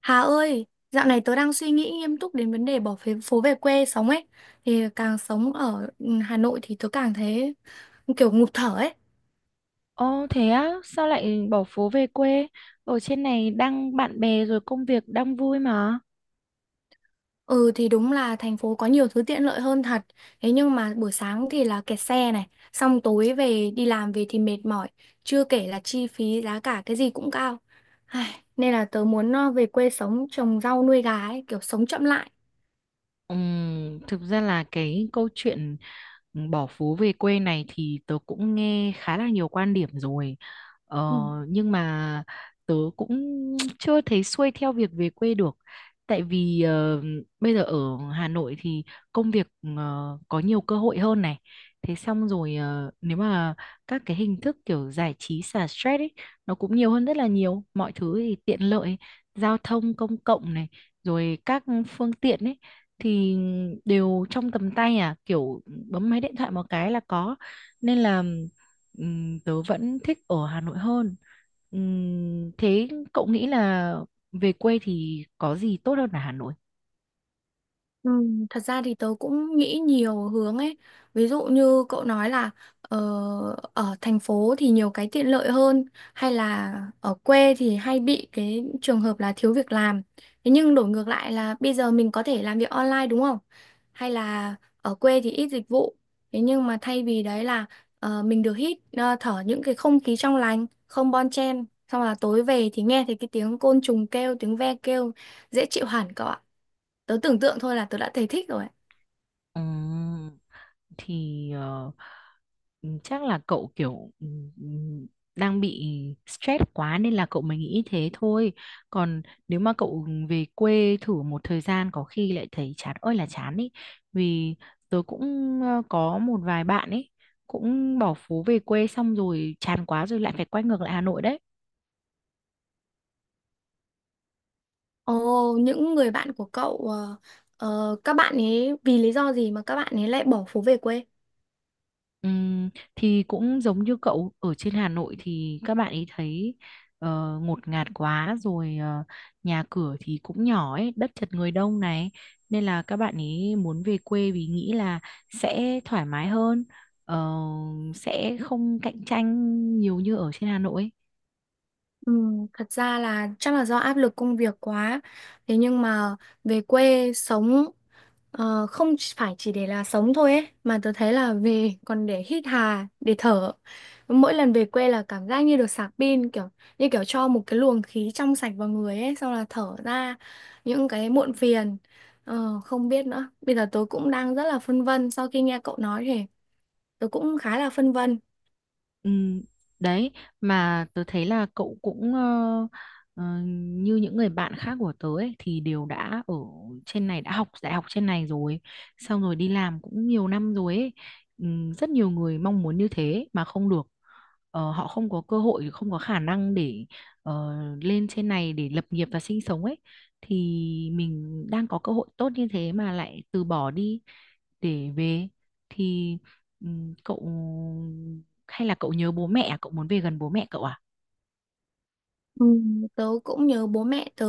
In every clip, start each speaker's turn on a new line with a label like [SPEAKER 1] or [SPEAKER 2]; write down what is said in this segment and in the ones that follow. [SPEAKER 1] Hà ơi, dạo này tớ đang suy nghĩ nghiêm túc đến vấn đề bỏ phố về quê sống ấy. Thì càng sống ở Hà Nội thì tớ càng thấy kiểu ngụp thở ấy.
[SPEAKER 2] Ồ thế á, sao lại bỏ phố về quê? Ở trên này đang bạn bè rồi công việc đang vui mà.
[SPEAKER 1] Ừ thì đúng là thành phố có nhiều thứ tiện lợi hơn thật. Thế nhưng mà buổi sáng thì là kẹt xe này, xong tối về đi làm về thì mệt mỏi, chưa kể là chi phí giá cả cái gì cũng cao. Ai, nên là tớ muốn về quê sống trồng rau nuôi gà ấy, kiểu sống chậm lại.
[SPEAKER 2] Thực ra là cái câu chuyện bỏ phố về quê này thì tớ cũng nghe khá là nhiều quan điểm rồi. Ờ,
[SPEAKER 1] Ừ.
[SPEAKER 2] nhưng mà tớ cũng chưa thấy xuôi theo việc về quê được. Tại vì bây giờ ở Hà Nội thì công việc có nhiều cơ hội hơn này. Thế xong rồi nếu mà các cái hình thức kiểu giải trí xả stress ấy nó cũng nhiều hơn rất là nhiều, mọi thứ thì tiện lợi, giao thông công cộng này rồi các phương tiện ấy thì đều trong tầm tay, à kiểu bấm máy điện thoại một cái là có, nên là tớ vẫn thích ở Hà Nội hơn. Thế cậu nghĩ là về quê thì có gì tốt hơn ở Hà Nội?
[SPEAKER 1] Ừ, thật ra thì tớ cũng nghĩ nhiều hướng ấy. Ví dụ như cậu nói là ờ, ở thành phố thì nhiều cái tiện lợi hơn, hay là ở quê thì hay bị cái trường hợp là thiếu việc làm. Thế nhưng đổi ngược lại là bây giờ mình có thể làm việc online, đúng không? Hay là ở quê thì ít dịch vụ. Thế nhưng mà thay vì đấy là mình được hít thở những cái không khí trong lành, không bon chen. Xong là tối về thì nghe thấy cái tiếng côn trùng kêu, tiếng ve kêu, dễ chịu hẳn cậu ạ. Tớ tưởng tượng thôi là tớ đã thấy thích rồi.
[SPEAKER 2] Ừ. Thì chắc là cậu kiểu ừ, đang bị stress quá nên là cậu mới nghĩ thế thôi. Còn nếu mà cậu về quê thử một thời gian có khi lại thấy chán ơi là chán ý. Vì tớ cũng có một vài bạn ấy cũng bỏ phố về quê xong rồi chán quá rồi lại phải quay ngược lại Hà Nội đấy.
[SPEAKER 1] Ồ, những người bạn của cậu, các bạn ấy vì lý do gì mà các bạn ấy lại bỏ phố về quê?
[SPEAKER 2] Ừm, thì cũng giống như cậu ở trên Hà Nội thì các bạn ấy thấy ngột ngạt quá rồi, nhà cửa thì cũng nhỏ ấy, đất chật người đông này nên là các bạn ấy muốn về quê vì nghĩ là sẽ thoải mái hơn, ờ, sẽ không cạnh tranh nhiều như ở trên Hà Nội ấy.
[SPEAKER 1] Ừ, thật ra là chắc là do áp lực công việc quá. Thế nhưng mà về quê sống không chỉ- phải chỉ để là sống thôi ấy, mà tớ thấy là về còn để hít hà, để thở. Mỗi lần về quê là cảm giác như được sạc pin, kiểu như kiểu cho một cái luồng khí trong sạch vào người ấy, xong là thở ra những cái muộn phiền. Ờ, không biết nữa. Bây giờ tớ cũng đang rất là phân vân, sau khi nghe cậu nói thì tớ cũng khá là phân vân.
[SPEAKER 2] Ừ, đấy mà tớ thấy là cậu cũng ờ, như những người bạn khác của tớ ấy, thì đều đã ở trên này, đã học đại học trên này rồi xong rồi đi làm cũng nhiều năm rồi ấy. Ừ, rất nhiều người mong muốn như thế mà không được. Họ không có cơ hội, không có khả năng để ờ, lên trên này để lập nghiệp và sinh sống ấy, thì mình đang có cơ hội tốt như thế mà lại từ bỏ đi để về thì ừ, cậu, hay là cậu nhớ bố mẹ à? Cậu muốn về gần bố mẹ cậu à?
[SPEAKER 1] Ừ, tớ cũng nhớ bố mẹ tớ,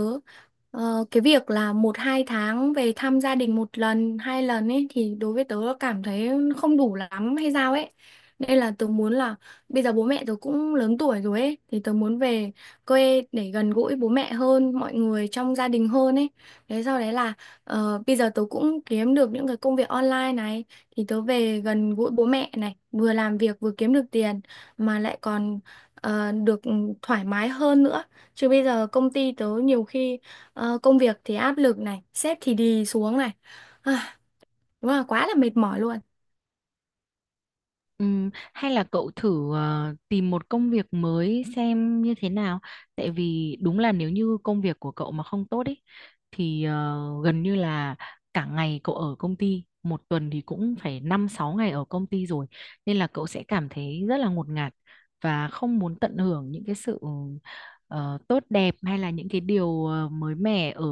[SPEAKER 1] cái việc là một hai tháng về thăm gia đình một lần hai lần ấy thì đối với tớ cảm thấy không đủ lắm hay sao ấy, nên là tớ muốn là bây giờ bố mẹ tớ cũng lớn tuổi rồi ấy, thì tớ muốn về quê để gần gũi bố mẹ hơn, mọi người trong gia đình hơn ấy. Thế sau đấy là bây giờ tớ cũng kiếm được những cái công việc online này, thì tớ về gần gũi bố mẹ này, vừa làm việc vừa kiếm được tiền, mà lại còn được thoải mái hơn nữa. Chứ bây giờ công ty tớ nhiều khi công việc thì áp lực này, sếp thì đì xuống này. À, đúng là quá là mệt mỏi luôn.
[SPEAKER 2] Hay là cậu thử tìm một công việc mới xem như thế nào, tại vì đúng là nếu như công việc của cậu mà không tốt ấy thì gần như là cả ngày cậu ở công ty, một tuần thì cũng phải 5 6 ngày ở công ty rồi, nên là cậu sẽ cảm thấy rất là ngột ngạt và không muốn tận hưởng những cái sự tốt đẹp hay là những cái điều mới mẻ ở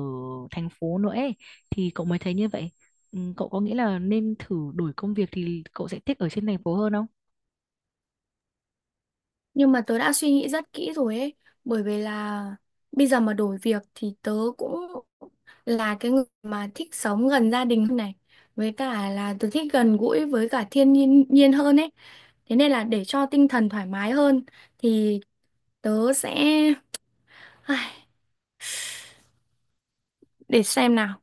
[SPEAKER 2] thành phố nữa ấy thì cậu mới thấy như vậy. Ừ, cậu có nghĩ là nên thử đổi công việc thì cậu sẽ thích ở trên thành phố hơn không?
[SPEAKER 1] Nhưng mà tớ đã suy nghĩ rất kỹ rồi ấy. Bởi vì là bây giờ mà đổi việc thì tớ cũng là cái người mà thích sống gần gia đình hơn này. Với cả là tớ thích gần gũi với cả thiên nhiên hơn ấy. Thế nên là để cho tinh thần thoải mái hơn thì tớ sẽ. Ai, để xem nào.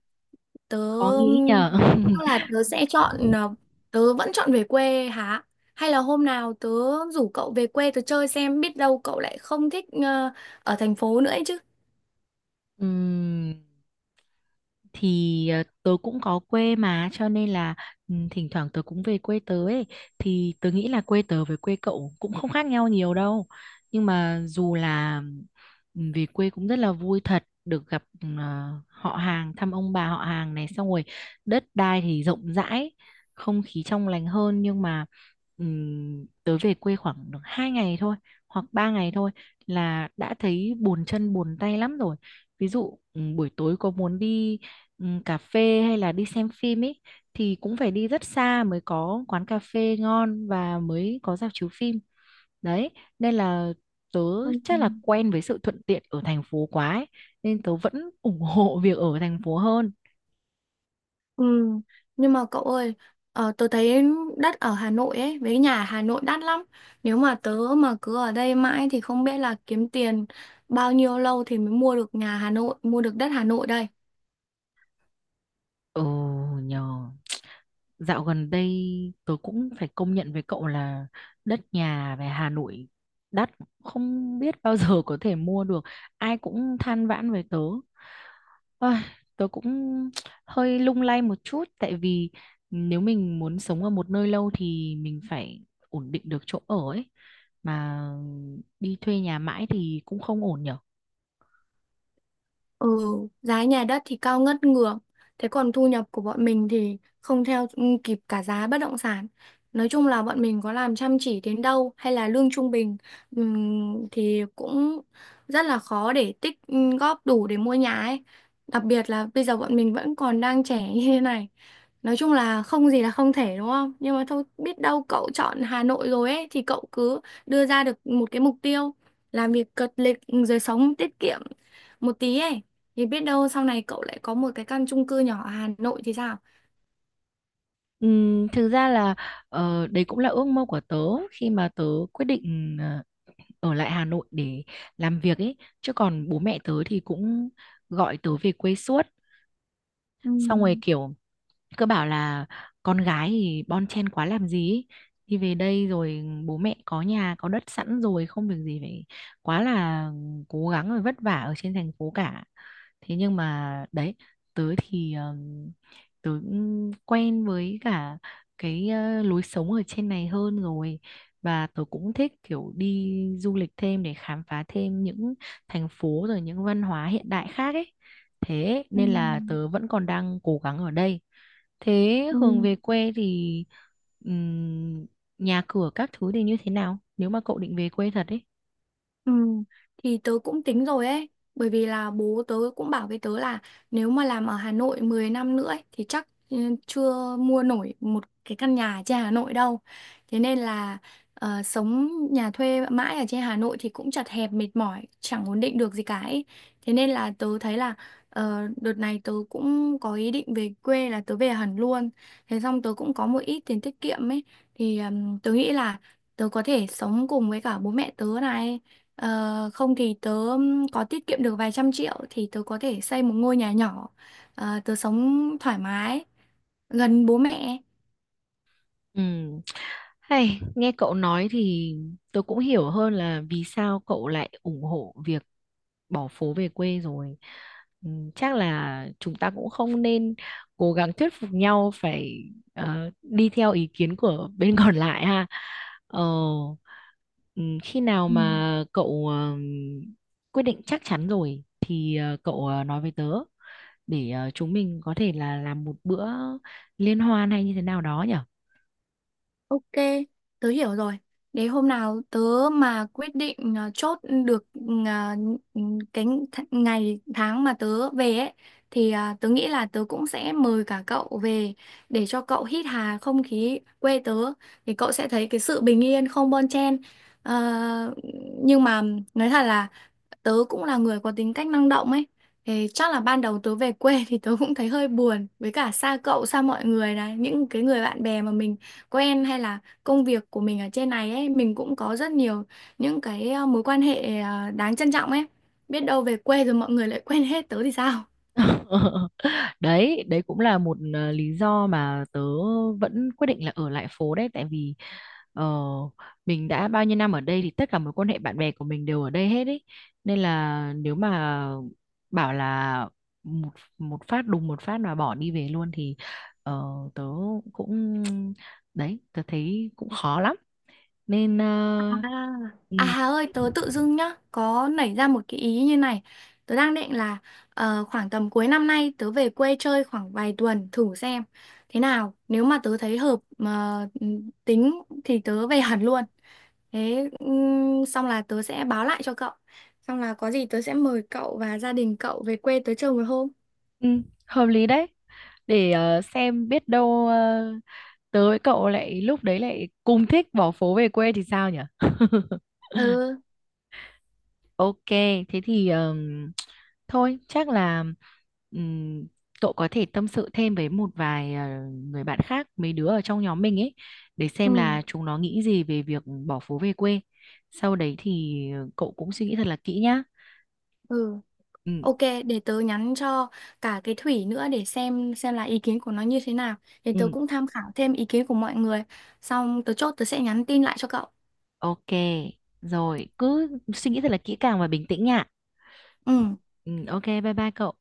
[SPEAKER 1] tớ
[SPEAKER 2] Khó nghĩ nhờ.
[SPEAKER 1] Tức là tớ sẽ chọn, tớ vẫn chọn về quê hả, hay là hôm nào tớ rủ cậu về quê tớ chơi xem, biết đâu cậu lại không thích ở thành phố nữa ấy chứ.
[SPEAKER 2] Ừm, thì tớ cũng có quê mà, cho nên là thỉnh thoảng tớ cũng về quê tớ ấy thì tớ nghĩ là quê tớ với quê cậu cũng không khác nhau nhiều đâu, nhưng mà dù là về quê cũng rất là vui thật, được gặp họ hàng, thăm ông bà họ hàng này, xong rồi đất đai thì rộng rãi, không khí trong lành hơn, nhưng mà ừ, tớ về quê khoảng được 2 ngày thôi hoặc 3 ngày thôi là đã thấy buồn chân buồn tay lắm rồi. Ví dụ buổi tối có muốn đi cà phê hay là đi xem phim ấy thì cũng phải đi rất xa mới có quán cà phê ngon và mới có rạp chiếu phim đấy, nên là tớ
[SPEAKER 1] Ừ.
[SPEAKER 2] chắc là quen với sự thuận tiện ở thành phố quá ấy, nên tớ vẫn ủng hộ việc ở thành phố hơn.
[SPEAKER 1] Ừ. Nhưng mà cậu ơi, tớ thấy đất ở Hà Nội ấy với nhà Hà Nội đắt lắm, nếu mà tớ mà cứ ở đây mãi thì không biết là kiếm tiền bao nhiêu lâu thì mới mua được nhà Hà Nội, mua được đất Hà Nội đây.
[SPEAKER 2] Ồ nhờ. Dạo gần đây tôi cũng phải công nhận với cậu là đất nhà về Hà Nội đắt, không biết bao giờ có thể mua được. Ai cũng than vãn với tớ. Ôi, tớ cũng hơi lung lay một chút, tại vì nếu mình muốn sống ở một nơi lâu thì mình phải ổn định được chỗ ở ấy. Mà đi thuê nhà mãi thì cũng không ổn nhở.
[SPEAKER 1] Ừ, giá nhà đất thì cao ngất ngược. Thế còn thu nhập của bọn mình thì không theo kịp cả giá bất động sản. Nói chung là bọn mình có làm chăm chỉ đến đâu hay là lương trung bình thì cũng rất là khó để tích góp đủ để mua nhà ấy. Đặc biệt là bây giờ bọn mình vẫn còn đang trẻ như thế này. Nói chung là không gì là không thể, đúng không? Nhưng mà thôi, biết đâu cậu chọn Hà Nội rồi ấy thì cậu cứ đưa ra được một cái mục tiêu, làm việc cật lực rồi sống tiết kiệm một tí ấy, thì biết đâu sau này cậu lại có một cái căn chung cư nhỏ ở Hà Nội thì sao?
[SPEAKER 2] Thực ra là đấy cũng là ước mơ của tớ, khi mà tớ quyết định ở lại Hà Nội để làm việc ấy, chứ còn bố mẹ tớ thì cũng gọi tớ về quê suốt,
[SPEAKER 1] Ừ.
[SPEAKER 2] xong rồi kiểu cứ bảo là con gái thì bon chen quá làm gì ấy. Thì về đây rồi bố mẹ có nhà có đất sẵn rồi, không việc gì phải quá là cố gắng rồi vất vả ở trên thành phố cả. Thế nhưng mà đấy, tớ thì tớ cũng quen với cả cái lối sống ở trên này hơn rồi, và tớ cũng thích kiểu đi du lịch thêm để khám phá thêm những thành phố rồi những văn hóa hiện đại khác ấy, thế
[SPEAKER 1] Ừ.
[SPEAKER 2] nên là tớ vẫn còn đang cố gắng ở đây. Thế
[SPEAKER 1] Ừ.
[SPEAKER 2] Hường về quê thì ừm, nhà cửa các thứ thì như thế nào nếu mà cậu định về quê thật ấy?
[SPEAKER 1] Ừ, thì tớ cũng tính rồi ấy, bởi vì là bố tớ cũng bảo với tớ là nếu mà làm ở Hà Nội 10 năm nữa ấy, thì chắc chưa mua nổi một cái căn nhà ở trên Hà Nội đâu. Thế nên là sống nhà thuê mãi ở trên Hà Nội thì cũng chật hẹp, mệt mỏi, chẳng ổn định được gì cả ấy. Thế nên là tớ thấy là đợt này tớ cũng có ý định về quê, là tớ về hẳn luôn. Thế xong tớ cũng có một ít tiền tiết kiệm ấy, thì tớ nghĩ là tớ có thể sống cùng với cả bố mẹ tớ này. Ờ, không thì tớ có tiết kiệm được vài trăm triệu thì tớ có thể xây một ngôi nhà nhỏ. Ờ, tớ sống thoải mái gần bố mẹ.
[SPEAKER 2] Ừ. Hay, nghe cậu nói thì tôi cũng hiểu hơn là vì sao cậu lại ủng hộ việc bỏ phố về quê rồi. Ừ, chắc là chúng ta cũng không nên cố gắng thuyết phục nhau phải đi theo ý kiến của bên còn lại ha. Ờ, ừ, Khi nào
[SPEAKER 1] Ừ.
[SPEAKER 2] mà cậu quyết định chắc chắn rồi thì cậu nói với tớ để chúng mình có thể là làm một bữa liên hoan hay như thế nào đó nhỉ?
[SPEAKER 1] Ok, tớ hiểu rồi. Để hôm nào tớ mà quyết định, à, chốt được, à, cái ngày tháng mà tớ về ấy, thì à, tớ nghĩ là tớ cũng sẽ mời cả cậu về, để cho cậu hít hà không khí quê tớ thì cậu sẽ thấy cái sự bình yên, không bon chen. Ờ, nhưng mà nói thật là tớ cũng là người có tính cách năng động ấy, thì chắc là ban đầu tớ về quê thì tớ cũng thấy hơi buồn, với cả xa cậu, xa mọi người này, những cái người bạn bè mà mình quen hay là công việc của mình ở trên này ấy, mình cũng có rất nhiều những cái mối quan hệ đáng trân trọng ấy, biết đâu về quê rồi mọi người lại quên hết tớ thì sao.
[SPEAKER 2] Đấy, đấy cũng là một lý do mà tớ vẫn quyết định là ở lại phố đấy, tại vì ờ, mình đã bao nhiêu năm ở đây thì tất cả mối quan hệ bạn bè của mình đều ở đây hết ấy, nên là nếu mà bảo là một một phát đùng một phát mà bỏ đi về luôn thì ờ, tớ cũng, đấy tớ thấy cũng khó lắm nên
[SPEAKER 1] À,
[SPEAKER 2] ừ.
[SPEAKER 1] à Hà ơi, tớ tự dưng nhá, có nảy ra một cái ý như này. Tớ đang định là khoảng tầm cuối năm nay tớ về quê chơi khoảng vài tuần thử xem thế nào. Nếu mà tớ thấy hợp mà tính thì tớ về hẳn luôn. Thế xong là tớ sẽ báo lại cho cậu. Xong là có gì tớ sẽ mời cậu và gia đình cậu về quê tớ chơi một hôm.
[SPEAKER 2] Ừ, hợp lý đấy. Để xem biết đâu tớ với cậu lại lúc đấy lại cùng thích bỏ phố về quê thì sao nhỉ?
[SPEAKER 1] Ừ,
[SPEAKER 2] Ok, thế thì thôi chắc là ừm, cậu có thể tâm sự thêm với một vài người bạn khác, mấy đứa ở trong nhóm mình ấy, để xem
[SPEAKER 1] ừ,
[SPEAKER 2] là chúng nó nghĩ gì về việc bỏ phố về quê. Sau đấy thì cậu cũng suy nghĩ thật là kỹ nhá.
[SPEAKER 1] ừ.
[SPEAKER 2] Ừ,
[SPEAKER 1] Ok, để tớ nhắn cho cả cái Thủy nữa để xem là ý kiến của nó như thế nào. Để tớ
[SPEAKER 2] ừ.
[SPEAKER 1] cũng tham khảo thêm ý kiến của mọi người. Xong tớ chốt tớ sẽ nhắn tin lại cho cậu.
[SPEAKER 2] Ok, rồi cứ suy nghĩ thật là kỹ càng và bình tĩnh nha.
[SPEAKER 1] Ừ.
[SPEAKER 2] Ừ, ok, bye bye cậu.